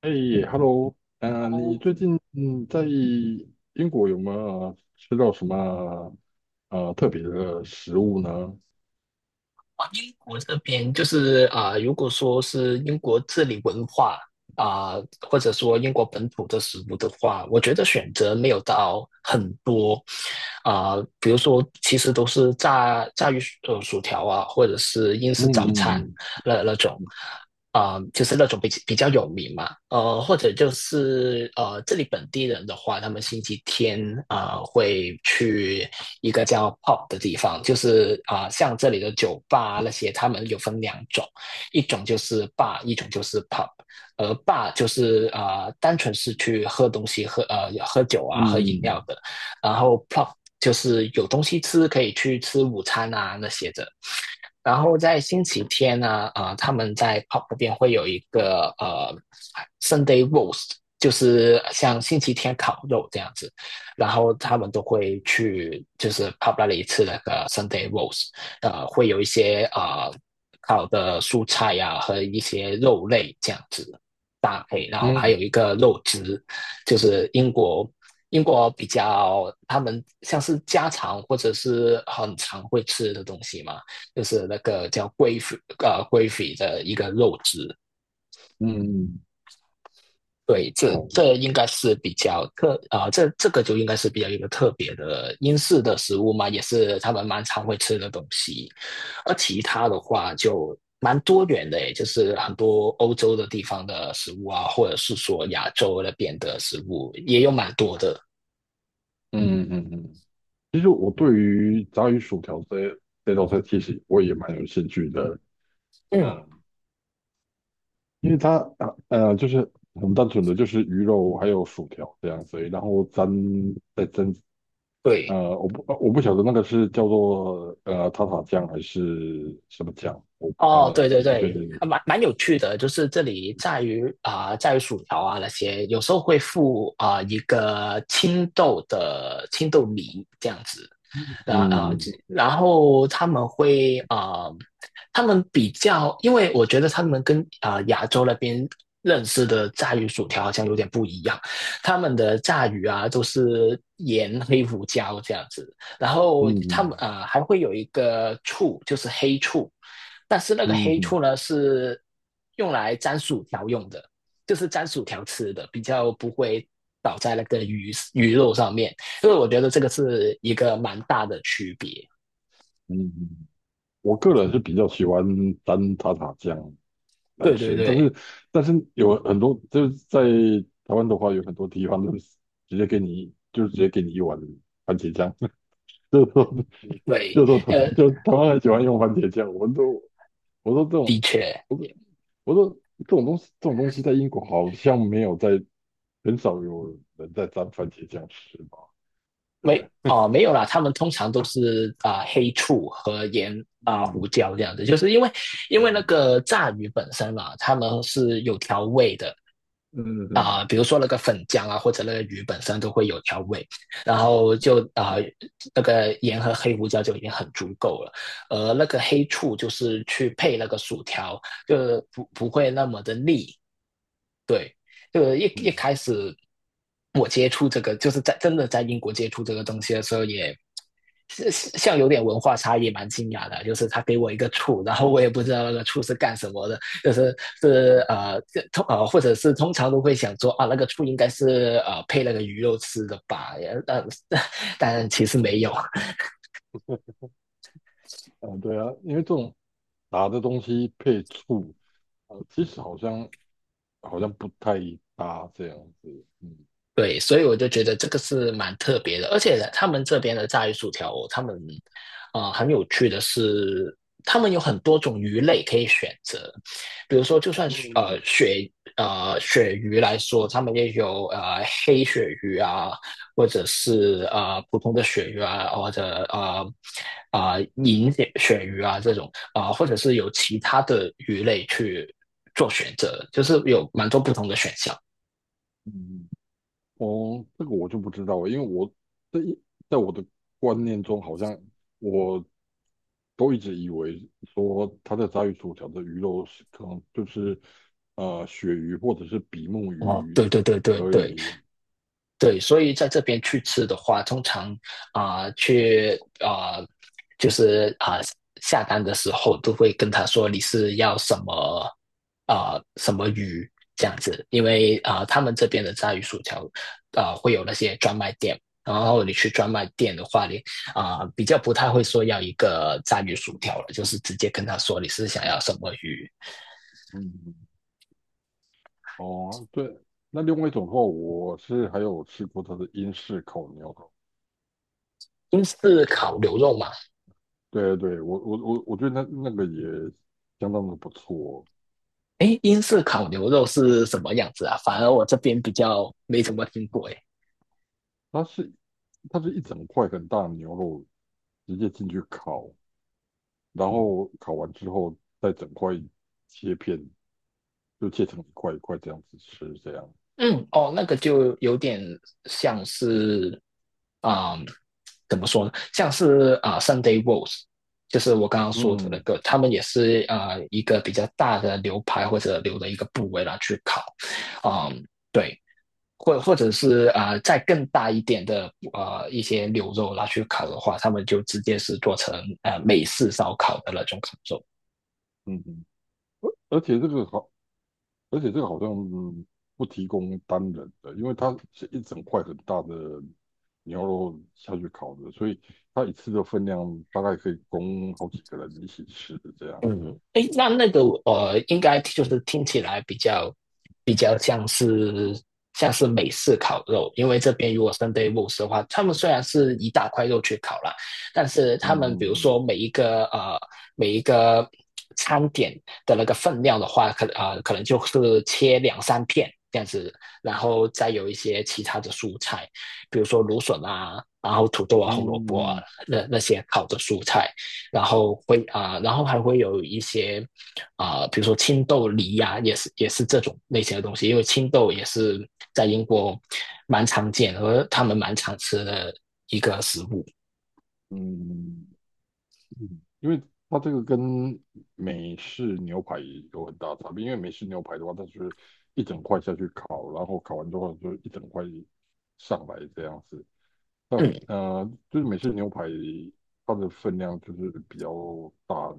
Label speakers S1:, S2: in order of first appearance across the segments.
S1: 哎，Hello，你
S2: 哦，
S1: 最近在英国有没有吃到什么特别的食物呢？
S2: 英国这边就是如果说是英国这里文化啊、或者说英国本土的食物的话，我觉得选择没有到很多比如说其实都是炸鱼薯条啊，或者是英
S1: 嗯
S2: 式早餐
S1: 嗯
S2: 那种。就是那种比较有名嘛，或者就是这里本地人的话，他们星期天会去一个叫 p o p 的地方，就是像这里的酒吧啊那些，他们有分两种，一种就是 bar，一种就是 p o p。 而 bar 就是单纯是去喝东西、喝酒啊、喝饮
S1: 嗯
S2: 料的，然后 p o p 就是有东西吃，可以去吃午餐啊那些的。然后在星期天呢，他们在 pub 那边会有一个Sunday roast，就是像星期天烤肉这样子，然后他们都会去就是 pub 那里吃那个 Sunday roast，会有一些烤的蔬菜呀、啊和一些肉类这样子搭配，然后还
S1: 嗯
S2: 有一个肉汁，就是英国。英国比较，他们像是家常或者是很常会吃的东西嘛，就是那个叫龟肺的一个肉质。
S1: 嗯嗯，
S2: 对，这
S1: 哦。
S2: 这应该是比较这个就应该是比较一个特别的英式的食物嘛，也是他们蛮常会吃的东西。而其他的话就蛮多元的，就是很多欧洲的地方的食物啊，或者是说亚洲那边的食物也有蛮多的。
S1: 嗯嗯嗯。其实我对于炸鱼薯条这道菜，其实我也蛮有兴趣的。
S2: 嗯，
S1: 嗯。因为它就是很单纯的就是鱼肉还有薯条这样子而已，然后沾，再沾。
S2: 对。
S1: 我不晓得那个是叫做塔塔酱还是什么酱，我
S2: 哦，对
S1: 呃
S2: 对
S1: 我不确
S2: 对，
S1: 定。
S2: 蛮有趣的，就是这里在于在于薯条啊那些，有时候会附一个青豆的青豆泥这样子。然呃，
S1: 嗯
S2: 然后他们会他们比较，因为我觉得他们跟亚洲那边认识的炸鱼薯条好像有点不一样，他们的炸鱼啊都是盐、黑胡椒这样子，然后他们
S1: 嗯
S2: 还会有一个醋，就是黑醋，但是那个
S1: 嗯嗯
S2: 黑
S1: 嗯。
S2: 醋呢是用来沾薯条用的，就是沾薯条吃的，比较不会倒在那个鱼肉上面。所以我觉得这个是一个蛮大的区别。
S1: 嗯，我个人是比较喜欢沾塔塔酱来
S2: 对对
S1: 吃，但
S2: 对
S1: 是有很多就是在台湾的话，有很多地方都是直接给你一碗番茄酱，就是说就
S2: 对，
S1: 是说
S2: 呃，
S1: 就台湾很喜欢用番茄酱，我说这种
S2: 的确。
S1: 我说我说这种东西在英国好像没有在。很少有人在沾番茄酱吃嘛。对。
S2: 没有啦，他们通常都是黑醋和盐
S1: 嗯
S2: 胡椒这样子，就是因为那
S1: 嗯
S2: 个炸鱼本身啦，啊他们是有调味的。
S1: 嗯嗯，
S2: 比如说那个粉浆啊，或者那个鱼本身都会有调味，然后就那个盐和黑胡椒就已经很足够了，而那个黑醋就是去配那个薯条，就不会那么的腻，对，就一
S1: 嗯。
S2: 开始我接触这个，就是在真的在英国接触这个东西的时候也，是像有点文化差异，蛮惊讶的。就是他给我一个醋，然后我也不知道那个醋是干什么的，就是是呃这通呃，或者是通常都会想说啊，那个醋应该是配那个鱼肉吃的吧，但 但其实没有。
S1: 啊，对啊，因为这种辣的东西配醋，啊，其实好像不太搭这样子。嗯。
S2: 对，所以我就觉得这个是蛮特别的，而且呢他们这边的炸鱼薯条哦，他们很有趣的是，他们有很多种鱼类可以选择，比如说就算是
S1: 嗯
S2: 鳕鱼来说，他们也有黑鳕鱼啊，或者是普通的鳕鱼啊，或者呃啊、呃银鳕鱼啊这种或者是有其他的鱼类去做选择，就是有蛮多不同的选项。
S1: 嗯。哦，这个我就不知道了，因为我在一在我的观念中，好像我都一直以为说他在炸鱼薯条的鱼肉是可能就是鳕鱼或者是比目
S2: 哦，
S1: 鱼
S2: 对对对对
S1: 而
S2: 对，
S1: 已。
S2: 对，所以在这边去吃的话，通常啊、呃去啊、呃就是下单的时候都会跟他说你是要什么什么鱼这样子，因为他们这边的炸鱼薯条会有那些专卖店，然后你去专卖店的话，你比较不太会说要一个炸鱼薯条了，就是直接跟他说你是想要什么鱼。
S1: 嗯。哦，对，那另外一种的话，我是还有吃过它的英式烤牛肉。
S2: 英式烤牛肉嘛。
S1: 对对，我觉得那个也相当的不错。
S2: 哎，英式烤牛肉是什么样子啊？反而我这边比较没怎么听过。哎，
S1: 它是一整块很大的牛肉直接进去烤，然后烤完之后再整块切片，就切成一块一块这样子吃，这样。
S2: 嗯，哦，那个就有点像是，啊、怎么说呢？像是Sunday roast，就是我刚刚说的那
S1: 嗯
S2: 个，他们也是一个比较大的牛排或者牛的一个部位拿去烤，啊、对，或者是再更大一点的一些牛肉拿去烤的话，他们就直接是做成美式烧烤的那种烤肉。
S1: 嗯嗯。而且这个好而且这个好像不提供单人的，因为它是一整块很大的牛肉下去烤的，所以它一次的分量大概可以供好几个人一起吃的，这样。
S2: 嗯，诶，那个，应该就是听起来比较像是美式烤肉，因为这边如果 s 对 n d 的话，他们虽然是一大块肉去烤啦，但是他
S1: 嗯
S2: 们比如说
S1: 嗯
S2: 每一个餐点的那个分量的话，可能就是切两三片这样子，然后再有一些其他的蔬菜，比如说芦笋啊，然后土豆啊、红萝
S1: 嗯
S2: 卜啊
S1: 嗯
S2: 那些烤的蔬菜。然后会然后还会有一些比如说青豆梨呀、也是这种类型的东西，因为青豆也是在英国蛮常见和他们蛮常吃的一个食物。
S1: 嗯嗯。因为它这个跟美式牛排有很大差别，因为美式牛排的话，它就是一整块下去烤，然后烤完之后就一整块上来这样子。那
S2: 嗯，
S1: 就是美式牛排它的分量就是比较大，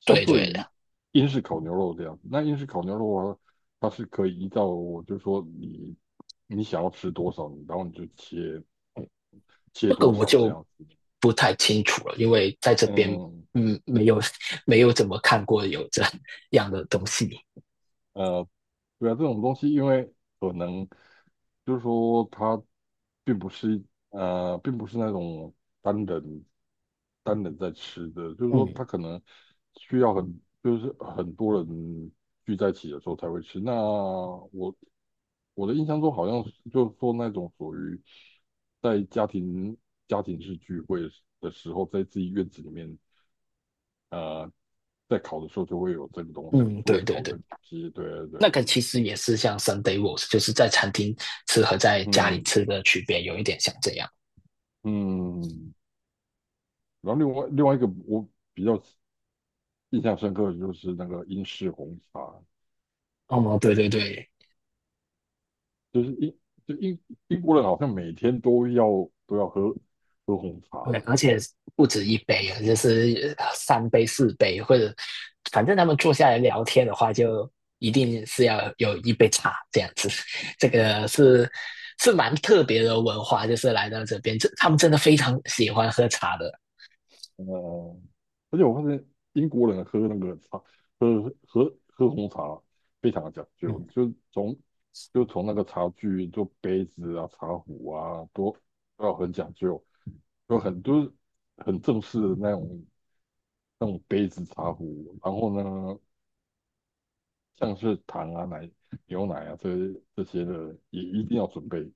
S1: 相
S2: 对
S1: 对
S2: 对
S1: 于
S2: 的，
S1: 英式烤牛肉这样。那英式烤牛肉啊，它是可以依照就是说你想要吃多少，然后你就切
S2: 这个
S1: 多
S2: 我
S1: 少这
S2: 就
S1: 样子。
S2: 不太清楚了，因为在这边
S1: 嗯。
S2: 嗯没有没有怎么看过有这 样的东西。
S1: 呃，对啊，这种东西因为可能就是说它并不是，并不是那种单人单人在吃的，就是
S2: 嗯
S1: 说它可能需要很就是很多人聚在一起的时候才会吃。那我的印象中好像是就是说那种属于在家庭式聚会的时候，在自己院子里面，呃，在烤的时候就会有这个东西，
S2: 嗯，
S1: 就会
S2: 对对
S1: 烤
S2: 对，
S1: 这个东西。对对
S2: 那
S1: 对。
S2: 个其实也是像 Sunday roast，就是在餐厅吃和在家里
S1: 嗯
S2: 吃的区别有一点像这样。
S1: 嗯。然后另外一个我比较印象深刻的就是那个英式红茶，
S2: 哦，对对对对，
S1: 就是英就英英国人好像每天都要喝红茶。
S2: 而且不止一杯啊，就是三杯、四杯，或者反正他们坐下来聊天的话，就一定是要有一杯茶这样子。这个是蛮特别的文化，就是来到这边，这他们真的非常喜欢喝茶的。
S1: 呃，而且我发现英国人喝那个茶喝喝喝红茶非常的讲究，
S2: 嗯。
S1: 就从那个茶具做杯子啊、茶壶啊都要很讲究，有很多很正式的那种杯子茶壶，然后呢。像是糖啊、牛奶啊这些的，也一定要准备。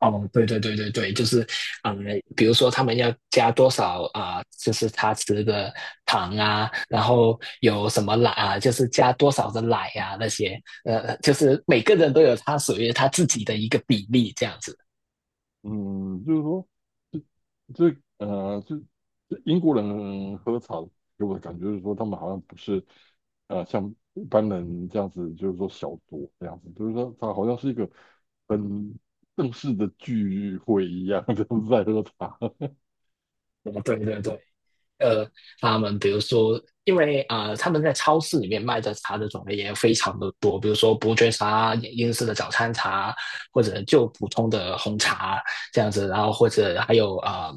S2: 哦，对对对对对，就是，嗯，比如说他们要加多少啊、就是他吃的糖啊，然后有什么奶啊，就是加多少的奶啊那些，就是每个人都有他属于他自己的一个比例这样子。
S1: 嗯，就是说，这呃，这这英国人喝茶给我的感觉就是说，他们好像不是像一般人这样子，就是说小酌这样子，就是说他好像是一个很正式的聚会一样，就是在喝茶。
S2: 哦，对对对，呃，他们比如说，因为他们在超市里面卖的茶的种类也非常的多，比如说伯爵茶、英式的早餐茶，或者就普通的红茶这样子，然后或者还有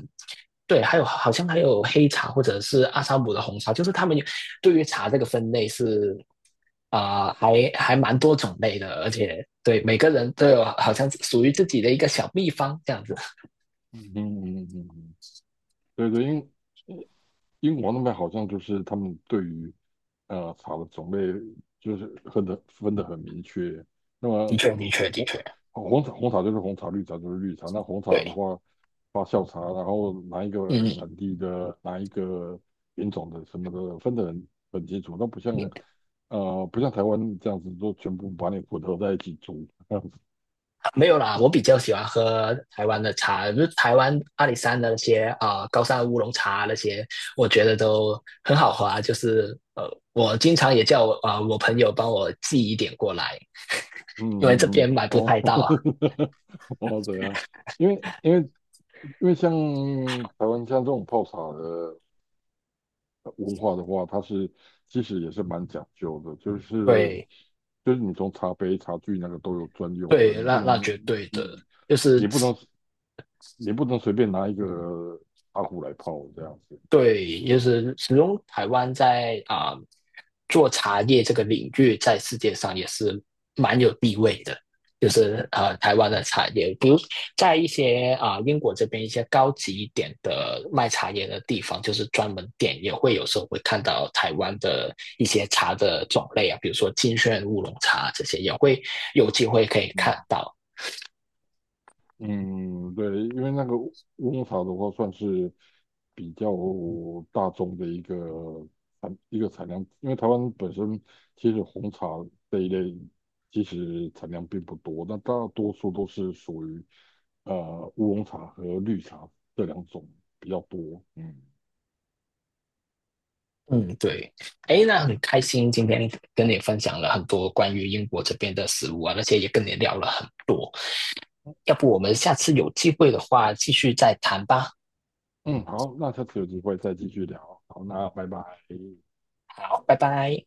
S2: 对，还有好像还有黑茶或者是阿萨姆的红茶，就是他们有对于茶这个分类是还蛮多种类的，而且对每个人都有好像属于自己的一个小秘方这样子。
S1: 嗯嗯嗯嗯。嗯，对对，英国那边好像就是他们对于茶的种类就是分的很明确。那
S2: 的
S1: 么
S2: 确，的确，的确，
S1: 红红茶就是红茶，绿茶就是绿茶。那红茶的
S2: 对，
S1: 话，发酵茶，然后哪一个
S2: 嗯，
S1: 产地的哪一个品种的什么的，分的很清楚。那不像台湾这样子，都全部把你混合在一起煮。
S2: 没有啦，我比较喜欢喝台湾的茶，就是台湾阿里山的那些高山乌龙茶那些，我觉得都很好喝啊。就是我经常也叫我我朋友帮我寄一点过来，
S1: 嗯
S2: 因为这
S1: 嗯嗯。
S2: 边买不
S1: 哦。
S2: 太 到。
S1: 哦，对啊，因为像台湾像这种泡茶的。文化的话，它是其实也是蛮讲究的，就是
S2: 对
S1: 你从茶杯、茶具那个都有专用的，
S2: 对，那那绝对的，
S1: 你
S2: 就是
S1: 你不能你不能随便拿一个茶壶来泡这样子。
S2: 对，就是始终台湾在做茶叶这个领域，在世界上也是蛮有地位的。就是台湾的茶叶，比如在一些英国这边一些高级一点的卖茶叶的地方，就是专门店也会有时候会看到台湾的一些茶的种类啊，比如说金萱乌龙茶这些也会有机会可以看
S1: 嗯
S2: 到。
S1: 嗯。对，因为那个乌龙茶的话，算是比较大众的一个一个产量，因为台湾本身其实红茶这一类其实产量并不多，那大多数都是属于乌龙茶和绿茶这两种比较多。嗯。
S2: 嗯，对，哎，那很开心今天跟你分享了很多关于英国这边的食物啊，而且也跟你聊了很多。要不我们下次有机会的话，继续再谈吧。
S1: 嗯，好，那下次有机会再继续聊。好，那拜拜。
S2: 好，拜拜。